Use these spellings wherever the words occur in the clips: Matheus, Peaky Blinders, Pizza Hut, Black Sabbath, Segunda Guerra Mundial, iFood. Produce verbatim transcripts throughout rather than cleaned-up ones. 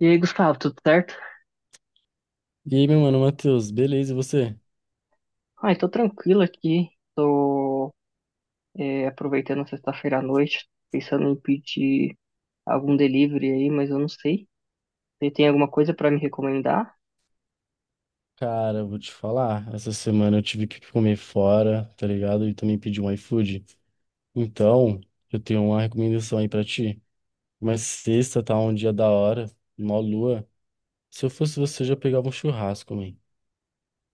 E aí, Gustavo, tudo certo? E aí, meu mano, Matheus, beleza, e você? Ai, tô tranquilo aqui. Tô é, aproveitando a sexta-feira à noite, pensando em pedir algum delivery aí, mas eu não sei. Você tem alguma coisa pra me recomendar? Cara, eu vou te falar, essa semana eu tive que comer fora, tá ligado? E também pedi um iFood. Então, eu tenho uma recomendação aí pra ti. Mas sexta tá um dia da hora, mó lua. Se eu fosse você, eu já pegava um churrasco, man.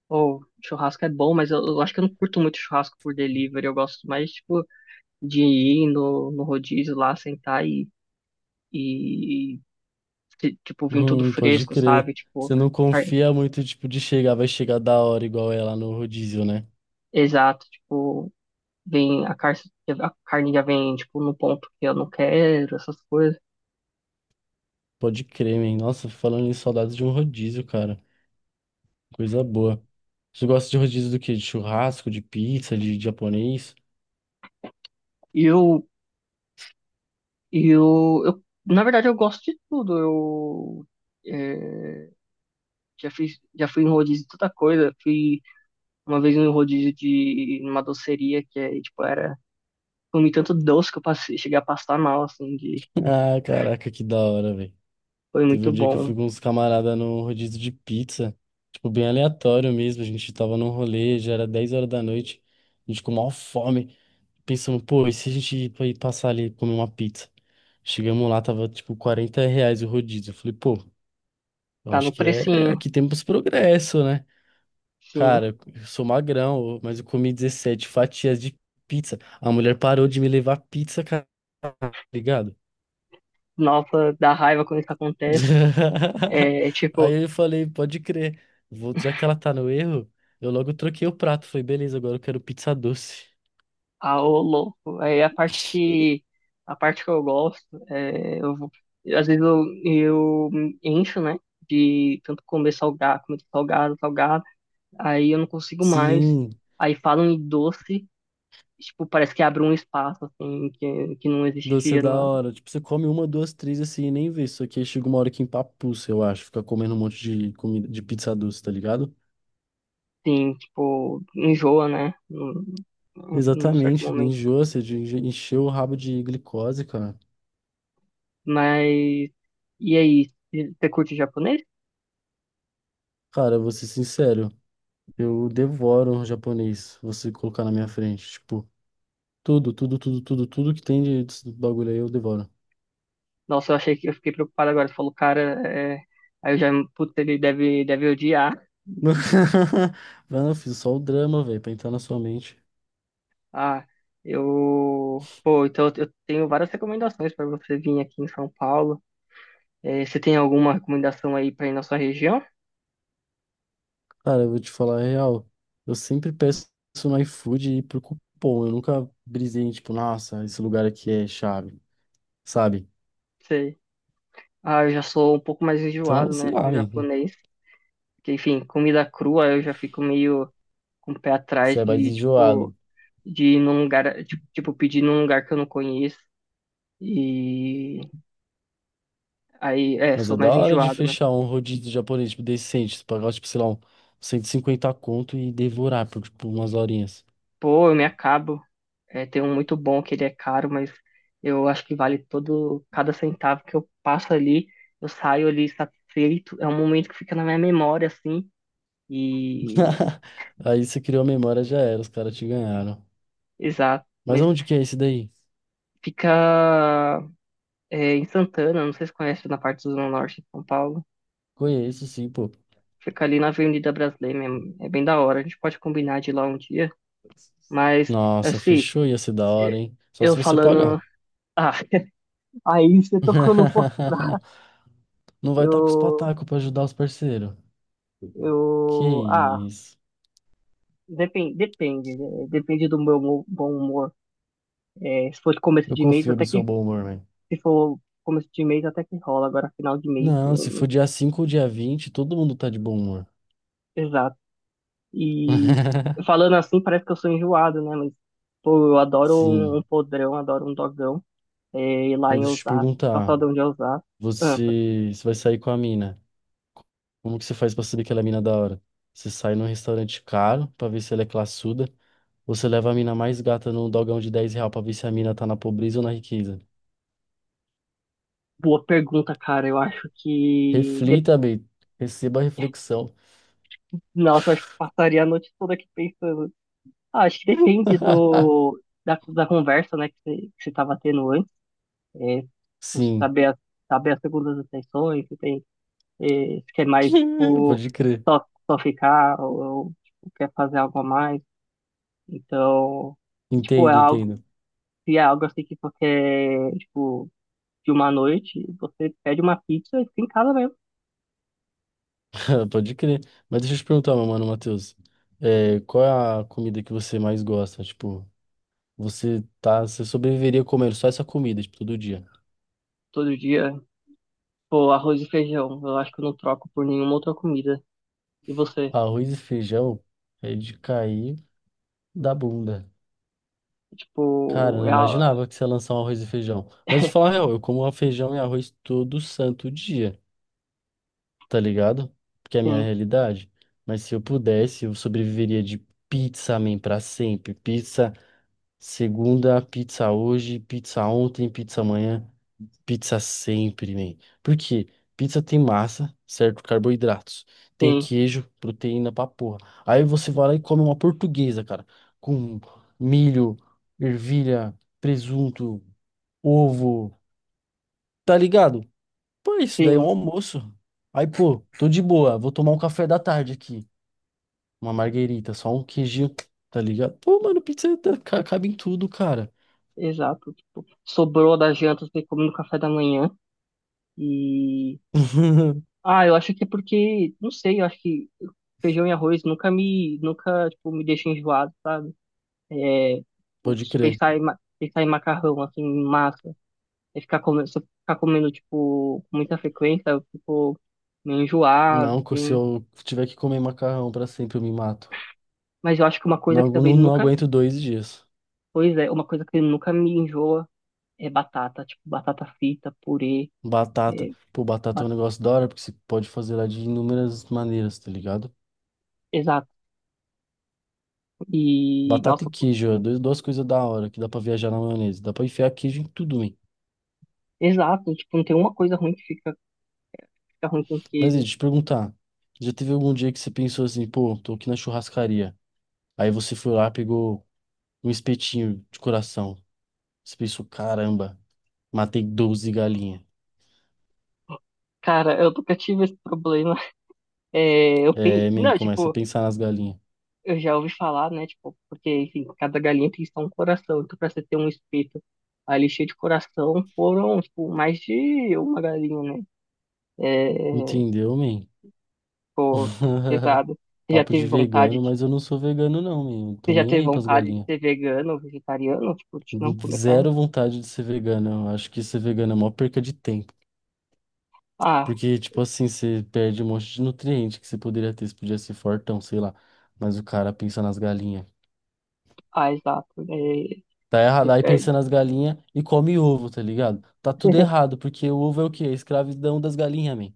Ou churrasco é bom, mas eu, eu acho que eu não curto muito churrasco por delivery. Eu gosto mais, tipo, de ir no, no rodízio lá, sentar e, e, se- tipo, vir tudo Hum, pode fresco, crer. sabe? Tipo, Você não car- confia muito, tipo, de chegar, vai chegar da hora igual é lá no rodízio, né? exato, tipo, Vem a carne, a carne já vem, tipo, no ponto que eu não quero, essas coisas. Pode crer, man. Nossa, falando em saudades de um rodízio, cara. Coisa boa. Você gosta de rodízio do quê? De churrasco, de pizza, de japonês? E eu, e eu, eu, na verdade, eu gosto de tudo. Eu é, já fiz, já fui em rodízio de tanta coisa. Fui uma vez em rodízio de numa doceria que é, tipo, era, comi tanto doce que eu passei, cheguei a passar mal, assim, de, Ah, caraca, que da hora, velho. foi Teve muito um dia que eu bom. fui com uns camaradas no rodízio de pizza. Tipo, bem aleatório mesmo. A gente tava num rolê, já era dez horas da noite. A gente com maior fome. Pensando, pô, e se a gente ir pra- ir passar ali e comer uma pizza? Chegamos lá, tava tipo quarenta reais o rodízio. Eu falei, pô, eu Tá no acho que é. precinho, Aqui temos progresso, né? sim. Cara, eu sou magrão, mas eu comi dezessete fatias de pizza. A mulher parou de me levar pizza, cara, tá ligado? Nova, dá raiva quando isso acontece. É, é tipo, Aí eu falei, pode crer. Vou, já que ela tá no erro, eu logo troquei o prato. Falei, beleza, agora eu quero pizza doce. ah, ô louco. Aí a parte que a parte que eu gosto, é, eu vou- às vezes eu, eu me encho, né, de tanto comer salgado, comer salgado, salgado, aí eu não consigo mais. Sim, Aí falam em doce, tipo, parece que abre um espaço assim que, que não doce é existia, da na, hora. Tipo, você come uma, duas, três assim e nem vê. Só que aí chega uma hora que empapuça, eu acho. Fica comendo um monte de comida de pizza doce, tá ligado? assim, tipo, enjoa, né, num, num certo Exatamente, momento. enjoa, você enche- encheu o rabo de glicose, cara. Mas e aí, você curte japonês? Cara, eu vou ser sincero. Eu devoro japonês, você colocar na minha frente. Tipo, tudo, tudo, tudo, tudo, tudo que tem de desse bagulho aí eu devoro. Nossa, eu achei que eu fiquei preocupado agora. Você falou, cara, é... aí eu já, putz, ele deve, deve odiar. Mano, eu fiz só o drama, velho, pra entrar na sua mente. Ah, eu, pô, então eu tenho várias recomendações para você vir aqui em São Paulo. É, você tem alguma recomendação aí para ir na sua região? Cara, eu vou te falar a real. Eu sempre peço no iFood e pro cupom. Eu nunca brisei em, tipo, nossa, esse lugar aqui é chave, sabe? Sei. Ah, eu já sou um pouco mais Então, enjoado, sei né, lá, com man, japonês. Que, enfim, comida crua eu já fico meio com o pé você atrás é mais de, tipo, enjoado. de ir num lugar, tipo, tipo, pedir num lugar que eu não conheço. E aí, é, Mas é sou da mais hora de enjoado, né? fechar um rodízio japonês, tipo, decente. Você Pagar, tipo, sei lá, um cento e cinquenta conto e devorar por, tipo, umas horinhas. Pô, eu me acabo. É, tem um muito bom que ele é caro, mas eu acho que vale todo, cada centavo que eu passo ali, eu saio ali satisfeito. É um momento que fica na minha memória, assim, e Aí você criou a memória, já era, os caras te ganharam. exato. Mas Mas onde que é esse daí? fica é, em Santana, não sei se conhece na parte do Zona Norte de São Paulo. Conheço, sim, pô. Fica ali na Avenida Brasileira, mesmo. É bem da hora. A gente pode combinar de ir lá um dia, mas Nossa, assim, fechou, ia ser da hora, é, hein? Só eu se você falando. pagar. Ah, aí você tocou no ponto. Não vai estar com os Eu, patacos pra ajudar os parceiros. Que eu, ah, isso. Depende, depende, eh, depende do meu mo- bom humor. Eh, se for de começo Eu de mês, confio no até seu que, bom humor, velho. se for começo de mês, até que rola. Agora, final de mês, Não, se for não- dia cinco ou dia vinte, todo mundo tá de bom humor. exato. E falando assim, parece que eu sou enjoado, né? Mas, pô, eu adoro um, um Sim, podrão, adoro um dogão. Eh, e lá mas em deixa eu te Osasco, perguntar. calçadão de Osasco. Ah, Você, você vai sair com a mina? Como que você faz pra saber que ela é mina da hora? Você sai num restaurante caro pra ver se ela é classuda, ou você leva a mina mais gata num dogão de dez real pra ver se a mina tá na pobreza ou na riqueza? boa pergunta, cara. Eu acho que, de- Reflita, bem, receba a reflexão. nossa, acho que passaria a noite toda aqui pensando. Ah, acho que depende do, da, da conversa, né, que você que você tava tendo antes. é, Sim, saber, a- saber as segundas intenções, se tem, é, se quer mais, tipo, pode crer. só, só ficar ou, ou, tipo, quer fazer algo a mais. Então, é, tipo, é Entendo, algo, entendo. se é algo assim que você quer, tipo, de uma noite, você pede uma pizza e fica em casa mesmo, Pode crer. Mas deixa eu te perguntar, meu mano, Matheus, é, qual é a comida que você mais gosta? Tipo, você tá, você sobreviveria comendo só essa comida, tipo, todo dia. todo dia. Pô, arroz e feijão, eu acho que eu não troco por nenhuma outra comida. E você? Arroz e feijão é de cair da bunda. Cara, eu Tipo, não é, a- imaginava que você ia lançar um arroz e feijão. Mas de falar a real, eu como feijão e arroz todo santo dia, tá ligado? Porque é a minha sim, realidade. Mas se eu pudesse, eu sobreviveria de pizza, man, pra sempre. Pizza segunda, pizza hoje, pizza ontem, pizza amanhã, pizza sempre, man. Por quê? Pizza tem massa, certo? Carboidratos. Tem sim, queijo, proteína pra porra. Aí você vai lá e come uma portuguesa, cara, com milho, ervilha, presunto ovo, tá ligado? Pô, isso daí é um sim, almoço. Aí, pô, tô de boa, vou tomar um café da tarde aqui. Uma marguerita, só um queijinho, tá ligado? Pô, mano, pizza tá- ca- cabe em tudo, cara. exato. Tipo, sobrou da janta, você come no café da manhã. E ah, eu acho que é porque, não sei, eu acho que feijão e arroz nunca me nunca tipo me deixa enjoado, sabe? É, tipo, Pode se crer. pensar em, ma- pensar em macarrão assim, em massa, e ficar comendo, se eu ficar comendo tipo com muita frequência, eu fico meio enjoado, Não, co- se assim. eu tiver que comer macarrão pra sempre, eu me mato. Mas eu acho que uma coisa Não, que agu- também não, não nunca, aguento dois dias. pois é, uma coisa que nunca me enjoa é batata, tipo batata frita, purê, Batata. é, Pô, batata é ba- um negócio da hora, porque você pode fazer ela de inúmeras maneiras, tá ligado? exato. E Batata e nossa, queijo, ó, dois- duas coisas da hora que dá pra viajar na maionese. Dá pra enfiar queijo em tudo, man. exato, tipo, não tem uma coisa ruim que fica fica ruim com Mas e, queijo. deixa eu te perguntar, já teve algum dia que você pensou assim, pô, tô aqui na churrascaria. Aí você foi lá, pegou um espetinho de coração. Você pensou, caramba, matei doze galinhas. Cara, eu nunca tive esse problema. É, eu É, pe... man, não, começa a tipo, pensar nas galinhas. eu já ouvi falar, né? Tipo, porque, enfim, cada galinha tem só um coração. Então, pra você ter um espeto ali cheio de coração, foram, tipo, mais de uma galinha, né? É, Entendeu, man? pô, pesado. Você já Papo de teve vontade vegano, de... mas eu não sou vegano não, man. Não Você tô já nem teve aí pras vontade de galinhas. ser vegano ou vegetariano? Tipo, de não comer carne? Zero vontade de ser vegano. Eu acho que ser vegano é a maior perca de tempo. Ah, Porque, tipo assim, você perde um monte de nutriente que você poderia ter. Você podia ser fortão, sei lá. Mas o cara pensa nas galinhas. ah, exato. É, Tá errado. você Aí perde. pensa nas galinhas e come ovo, tá ligado? Tá tudo errado, porque o ovo é o quê? A escravidão das galinhas, man.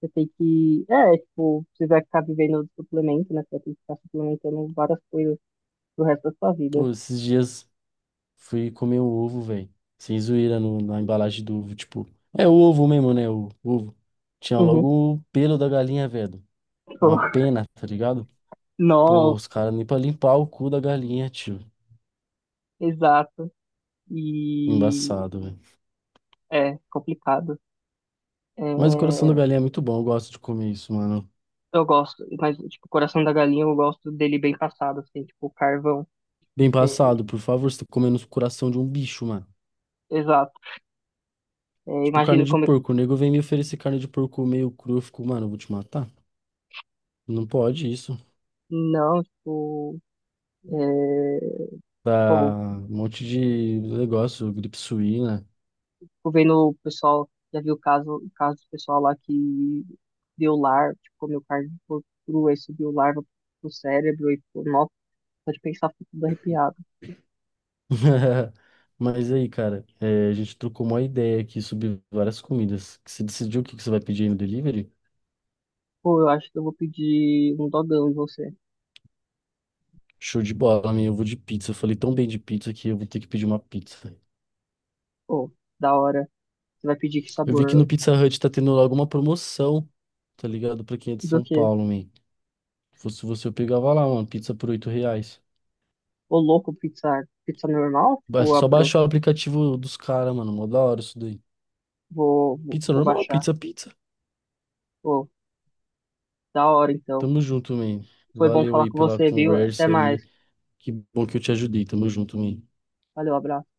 Você tem que. É, tipo, você vai ficar vivendo do suplemento, né? Você vai ter que ficar suplementando várias coisas pro resto da sua vida. Pô, esses dias fui comer um ovo, velho. Sem zoeira no, na embalagem do ovo, tipo. É o ovo mesmo, né? O ovo. Tinha Uhum. logo o pelo da galinha, velho. Tipo, Uma pena, tá ligado? Pô, nossa, os caras nem pra limpar o cu da galinha, tio. exato. E Embaçado, velho. é complicado. É, Mas o coração da galinha é muito bom, eu gosto de comer isso, mano. eu gosto, mas tipo, o coração da galinha eu gosto dele bem passado, assim, tipo, carvão. Bem É, passado, por favor, você tá comendo o coração de um bicho, mano. exato. É, Tipo, carne imagino de como é que. porco. O nego vem me oferecer carne de porco meio cru. Eu fico, mano, eu vou te matar. Não pode isso. Não, tipo, é, pô, Dá um monte de negócio, gripe suína. fico vendo o pessoal, já vi o caso, o caso do pessoal lá que deu larva, tipo, comeu carne de porco crua e subiu larva pro cérebro e, pô, nossa, só de pensar fico tudo arrepiado. Mas aí, cara, é, a gente trocou uma ideia aqui sobre várias comidas. Você decidiu o que que você vai pedir aí no delivery? Pô, eu acho que eu vou pedir um dogão e você. Show de bola, minha. Eu vou de pizza. Eu falei tão bem de pizza que eu vou ter que pedir uma pizza. Pô, da hora. Você vai pedir que Eu vi sabor que no hoje? Pizza Hut tá tendo logo uma promoção, tá ligado? Pra quem é de Do São quê? Paulo, man. Se fosse você, eu pegava lá, mano, pizza por oito reais. Ô, louco, pizza, pizza normal? É Ou só abro. baixar o aplicativo dos caras, mano. Mó da hora isso daí. Vou, vou, Pizza vou normal, baixar. pizza, pizza. Pô, da hora então. Tamo junto, man. Foi bom Valeu falar aí com pela você, viu? Até conversa aí. mais. Que bom que eu te ajudei. Tamo junto, man. Valeu, abraço.